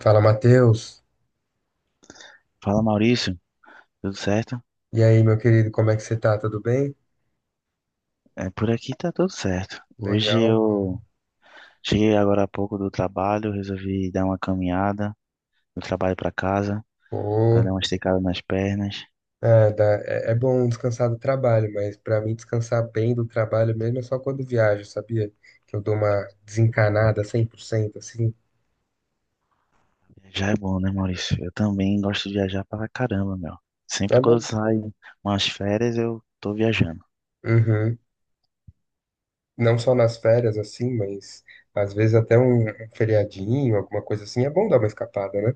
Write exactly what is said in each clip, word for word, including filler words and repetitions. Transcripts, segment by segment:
Fala, Matheus. Fala, Maurício, tudo certo? E aí, meu querido, como é que você tá? Tudo bem? É, por aqui tá tudo certo. Hoje Legal, cara. eu cheguei agora há pouco do trabalho, resolvi dar uma caminhada do trabalho para casa, para Pô, dar uma esticada nas pernas. é, dá- é- é bom descansar do trabalho, mas pra mim descansar bem do trabalho mesmo é só quando viajo, sabia? Que eu dou uma desencanada cem por cento, assim. Já é bom, né, Maurício? Eu também gosto de viajar pra caramba, meu. É Sempre quando eu mesmo? saio umas férias, eu tô viajando. Uhum. Não só nas férias, assim, mas às vezes até um um feriadinho, alguma coisa assim, é bom dar uma escapada, né?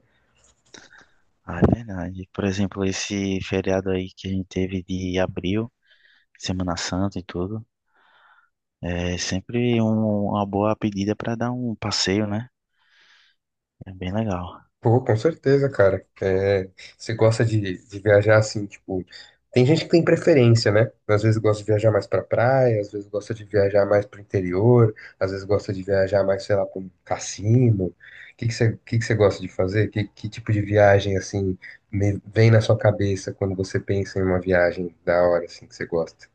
Ah, é verdade. Por exemplo, esse feriado aí que a gente teve de abril, Semana Santa e tudo, é sempre um- uma boa pedida para dar um passeio, né? É bem legal. Pô, com certeza, cara. É, você gosta de, de viajar assim, tipo. Tem gente que tem preferência, né? Às vezes gosta de viajar mais pra praia, às vezes gosta de viajar mais pro interior, às vezes gosta de viajar mais, sei lá, pra um cassino. O que que você, que que você gosta de fazer? Que, que tipo de viagem, assim, me- vem na sua cabeça quando você pensa em uma viagem da hora, assim, que você gosta?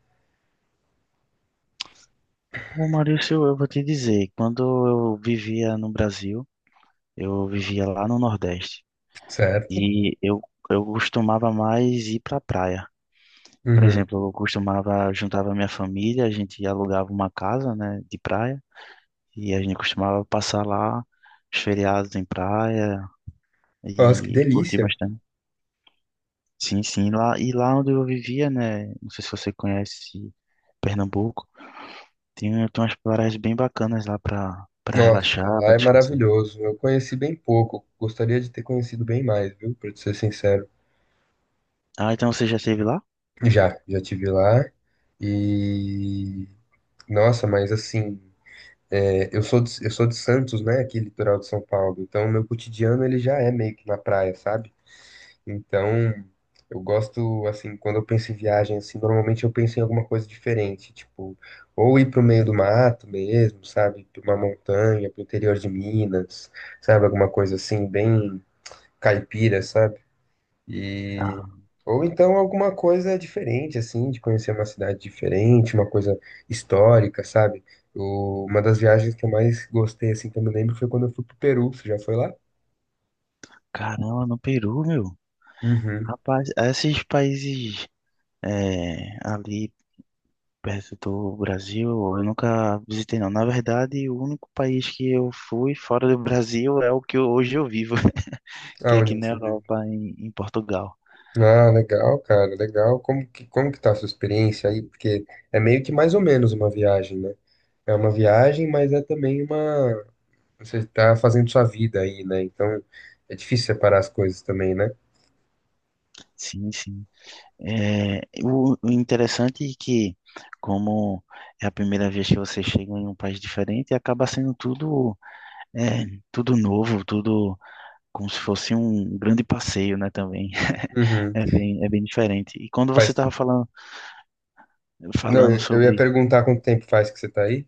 Ô Maurício, eu vou te dizer, quando eu vivia no Brasil, eu vivia lá no Nordeste Certo? e eu, eu costumava mais ir para praia. Por Uhum. exemplo, eu costumava, juntava minha família, a gente alugava uma casa, né, de praia e a gente costumava passar lá os feriados em praia Nossa, que e curtir delícia. bastante. Sim, sim, lá e lá onde eu vivia, né, não sei se você conhece Pernambuco, tem, tem umas praias bem bacanas lá para para Nossa, relaxar, lá para é descansar. maravilhoso. Eu conheci bem pouco. Gostaria de ter conhecido bem mais, viu? Pra te ser sincero. Ah, então você já esteve lá? Já, já tive lá. E nossa, mas assim, é, eu sou de, eu sou de Santos, né? Aqui litoral de São Paulo. Então, o meu cotidiano ele já é meio que na praia, sabe? Então, eu gosto assim, quando eu penso em viagem assim, normalmente eu penso em alguma coisa diferente, tipo, ou ir pro meio do mato mesmo, sabe? Pra uma montanha, pro interior de Minas, sabe? Alguma coisa assim, bem caipira, sabe? E Ah, ou então alguma coisa diferente assim, de conhecer uma cidade diferente, uma coisa histórica, sabe? O- uma das viagens que eu mais gostei assim, que eu me lembro foi quando eu fui pro Peru. Você já foi lá? caramba, no Peru, meu. Uhum. Rapaz, esses países é, ali perto do Brasil, eu nunca visitei, não. Na verdade, o único país que eu fui fora do Brasil é o que eu- hoje eu vivo, que é Aonde aqui na você vive? Europa, em, em Portugal. Ah, legal, cara, legal. Como que, como que tá a sua experiência aí? Porque é meio que mais ou menos uma viagem, né? É uma viagem, mas é também uma. Você tá fazendo sua vida aí, né? Então é difícil separar as coisas também, né? Sim, sim. É, o, o interessante é que, como é a primeira vez que você chega em um país diferente, acaba sendo tudo, é, tudo novo, tudo, como se fosse um grande passeio, né, também. Uhum. É bem, é bem diferente. E quando você Faz. estava falando, Não, falando eu eu ia sobre, perguntar quanto tempo faz que você tá aí.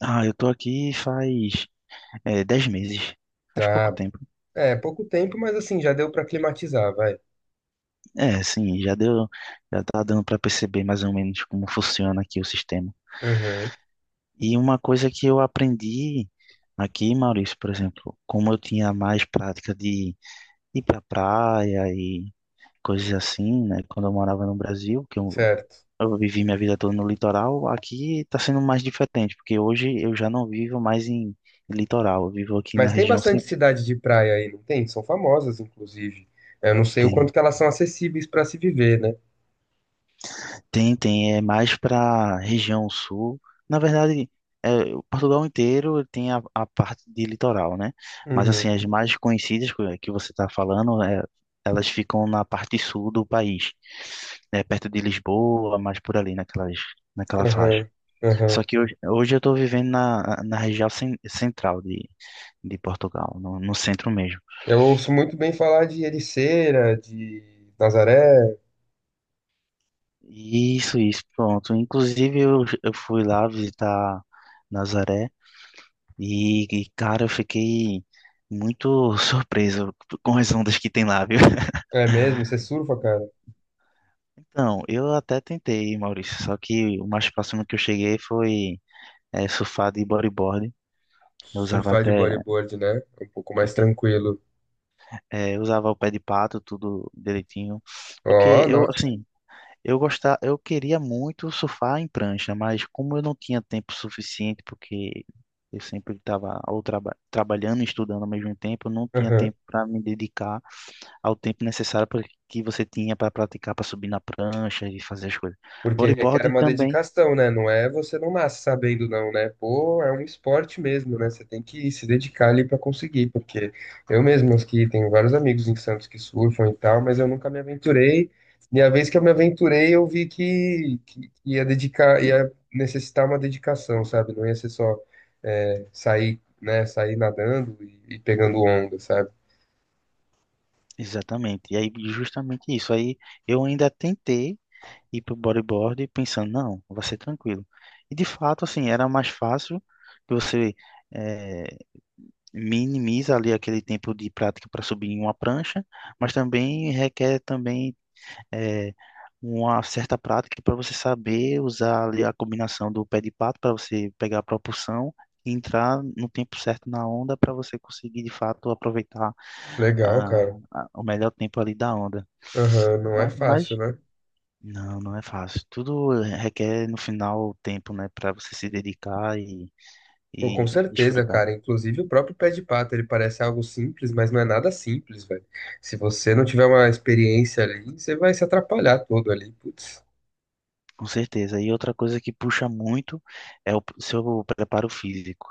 ah, eu tô aqui faz é, dez meses, faz pouco Ah, tempo. é, pouco tempo, mas assim, já deu pra climatizar, vai. É, sim, já deu, já tá dando para perceber mais ou menos como funciona aqui o sistema. Aham, E uma coisa que eu aprendi aqui, Maurício, por exemplo, como eu tinha mais prática de ir para praia e coisas assim, né, quando eu morava no Brasil, que eu certo. Eu vivi minha vida toda no litoral. Aqui está sendo mais diferente, porque hoje eu já não vivo mais em litoral. Eu vivo aqui na Mas tem região bastante central. cidade de praia aí, não tem? São famosas, inclusive. Eu não sei o Tem, quanto que elas são acessíveis pra se viver, né? tem, tem, é mais para região sul. Na verdade, é, o Portugal inteiro tem a, a parte de litoral, né? Mas assim, as Uhum, mais conhecidas que que você está falando, é, elas ficam na parte sul do país, né? Perto de Lisboa, mais por ali, naquelas, naquela faixa. aham, Só aham. que hoje, hoje eu estou vivendo na, na região cen- central de, de Portugal, no, no centro mesmo. Eu ouço muito bem falar de Ericeira, de Nazaré. Isso, isso, pronto. Inclusive eu, eu fui lá visitar Nazaré e, e, cara, eu fiquei muito surpreso com as ondas que tem lá, viu? É mesmo? Você surfa, cara? Então, eu até tentei, Maurício, só que o mais próximo que eu cheguei foi é, surfar de bodyboard. Eu usava Surfar de até, bodyboard, né? É um pouco mais tranquilo. é, eu usava o pé de pato, tudo direitinho. Porque Ó, eu, nossa. assim, eu gostar, eu queria muito surfar em prancha, mas como eu não tinha tempo suficiente, porque eu sempre estava ou traba- trabalhando e estudando ao mesmo tempo, eu não tinha Aham. tempo para me dedicar ao tempo necessário pra- que você tinha para praticar, para subir na prancha e fazer as coisas. Porque requer Bodyboard uma também, dedicação, né? Não é, você não nasce sabendo, não, né? Pô, é um esporte mesmo, né? Você tem que se dedicar ali para conseguir, porque eu mesmo aqui tenho vários amigos em Santos que surfam e tal, mas eu nunca me aventurei. E a vez que eu me aventurei, eu vi que, que ia dedicar, ia necessitar uma dedicação, sabe? Não ia ser só é, sair, né? Sair nadando e, e pegando onda, sabe? exatamente. E aí, justamente isso. Aí eu ainda tentei ir para o bodyboard pensando, não, vai ser tranquilo. E de fato, assim, era mais fácil que você eh, minimiza ali aquele tempo de prática para subir em uma prancha, mas também requer também, eh, uma certa prática para você saber usar ali a combinação do pé de pato para você pegar a propulsão e entrar no tempo certo na onda para você conseguir de fato aproveitar Legal, a, cara. a- o melhor tempo ali da onda. Aham, não é Mas, mas fácil, né? não, não é fácil. Tudo requer no final tempo, né, para você se dedicar e, Pô, com e certeza, desfrutar. cara. Inclusive o próprio pé de pato, ele parece algo simples, mas não é nada simples, velho. Se você não tiver uma experiência ali, você vai se atrapalhar todo ali, putz. Com certeza. E outra coisa que puxa muito é o seu preparo físico.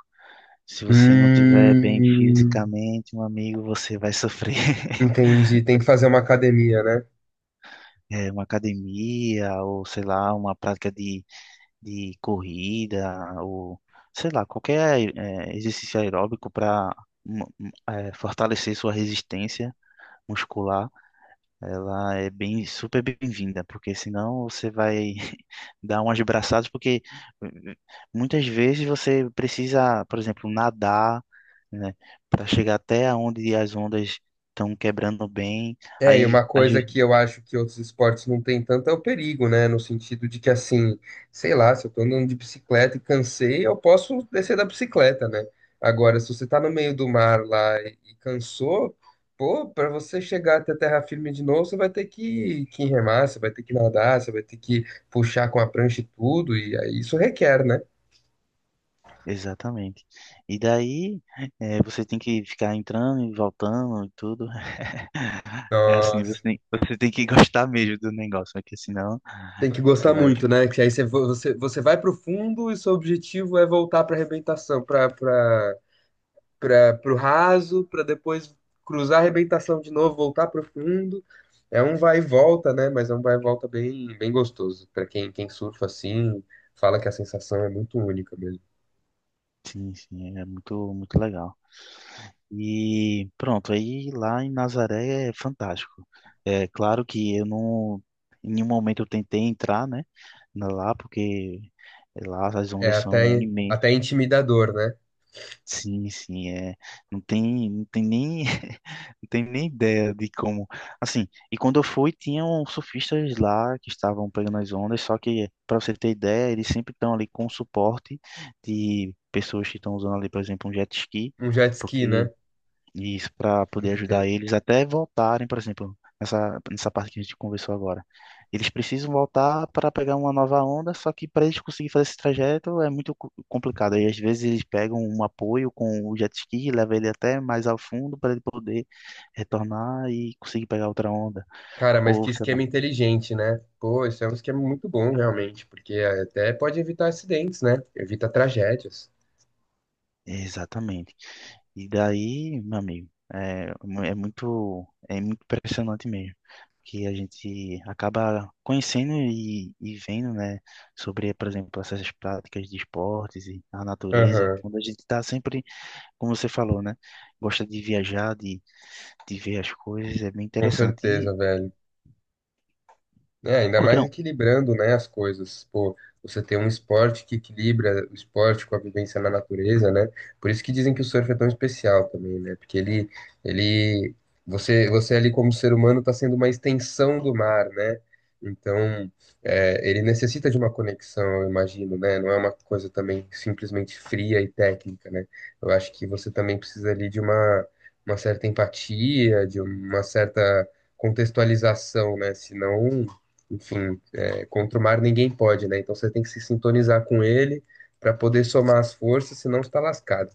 Se você não tiver bem Hum, fisicamente, meu amigo, você vai sofrer. entendi. Tem que fazer uma academia, né? É, uma academia ou, sei lá, uma prática de, de corrida ou, sei lá, qualquer é, exercício aeróbico para fortalecer sua resistência muscular. Ela é bem, super bem-vinda, porque senão você vai dar umas braçadas, porque eh, muitas vezes você precisa, por exemplo, nadar, né, para chegar até onde as ondas estão quebrando bem. É, e Aí, uma às coisa vezes, que eu acho que outros esportes não têm tanto é o perigo, né? No sentido de que, assim, sei lá, se eu tô andando de bicicleta e cansei, eu posso descer da bicicleta, né? Agora, se você tá no meio do mar lá e, e cansou, pô, pra você chegar até terra firme de novo, você vai ter que, que remar, você vai ter que nadar, você vai ter que puxar com a prancha e tudo, e aí isso requer, né? exatamente. E daí, eh, você tem que ficar entrando e voltando e tudo. É assim, você Nossa. tem, você tem que gostar mesmo do negócio, porque senão Tem que você gostar vai. muito, né? Que aí você, vo- você, você vai pro fundo e seu objetivo é voltar pra arrebentação, pra, pra para o raso, para depois cruzar a arrebentação de novo, voltar para o fundo. É um vai e volta, né? Mas é um vai e volta bem, bem gostoso. Para quem, quem surfa assim, fala que a sensação é muito única mesmo. Sim, sim, é muito, muito legal. E pronto, aí lá em Nazaré é fantástico. É claro que eu não, em nenhum momento eu tentei entrar, né, na- lá, porque lá as É ondas são até, até imensas. intimidador, né? Sim, sim, é, não tem, não tem nem, não tem nem ideia de como, assim, e quando eu fui, tinham surfistas lá que estavam pegando as ondas, só que, para você ter ideia, eles sempre estão ali com suporte de pessoas que estão usando ali, por exemplo, um jet ski, Um jet ski, né? porque e isso, para Tem poder que ajudar ter. eles até voltarem, por exemplo, nessa, nessa parte que a gente conversou agora. Eles precisam voltar para pegar uma nova onda, só que para eles conseguirem fazer esse trajeto é muito co- complicado. E às vezes eles pegam um apoio com o jet ski, leva ele até mais ao fundo para ele poder retornar e conseguir pegar outra onda. Cara, mas que Ou sei lá. esquema inteligente, né? Pô, isso é um esquema muito bom, realmente, porque até pode evitar acidentes, né? Evita tragédias. Exatamente. E daí, meu amigo, é, mu- é muito, é muito impressionante mesmo, que a gente acaba conhecendo e, e vendo, né, sobre, por exemplo, essas práticas de esportes e a natureza, Aham, quando a gente está sempre, como você falou, né, gosta de viajar, de, de ver as coisas, é bem com interessante. E certeza, velho. É, ainda mais outra, equilibrando, né, as coisas. Pô, você tem um esporte que equilibra o esporte com a vivência na natureza, né? Por isso que dizem que o surf é tão especial também, né? Porque ele, ele, você, você ali como ser humano está sendo uma extensão do mar, né? Então, é, ele necessita de uma conexão, eu imagino, né? Não é uma coisa também simplesmente fria e técnica, né? Eu acho que você também precisa ali de uma, uma certa empatia, de uma certa contextualização, né? Senão enfim, é, contra o mar ninguém pode, né? Então você tem que se sintonizar com ele para poder somar as forças, senão você tá lascado.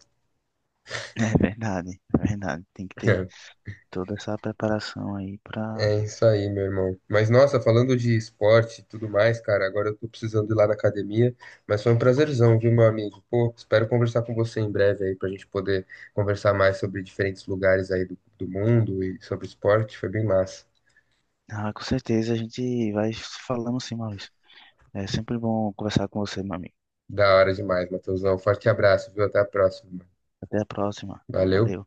é verdade, é verdade, tem que ter toda essa preparação aí para, É, é isso aí, meu irmão. Mas nossa, falando de esporte e tudo mais, cara, agora eu tô precisando ir lá na academia, mas foi um prazerzão, viu, meu amigo? Pô, espero conversar com você em breve aí pra gente poder conversar mais sobre diferentes lugares aí do, do mundo e sobre esporte. Foi bem massa. ah, com certeza a gente vai falando sim, Maurício. É sempre bom conversar com você, meu amigo. Da hora demais, Matheusão. Forte abraço, viu? Até a próxima, mano. Até a próxima. Valeu. Valeu.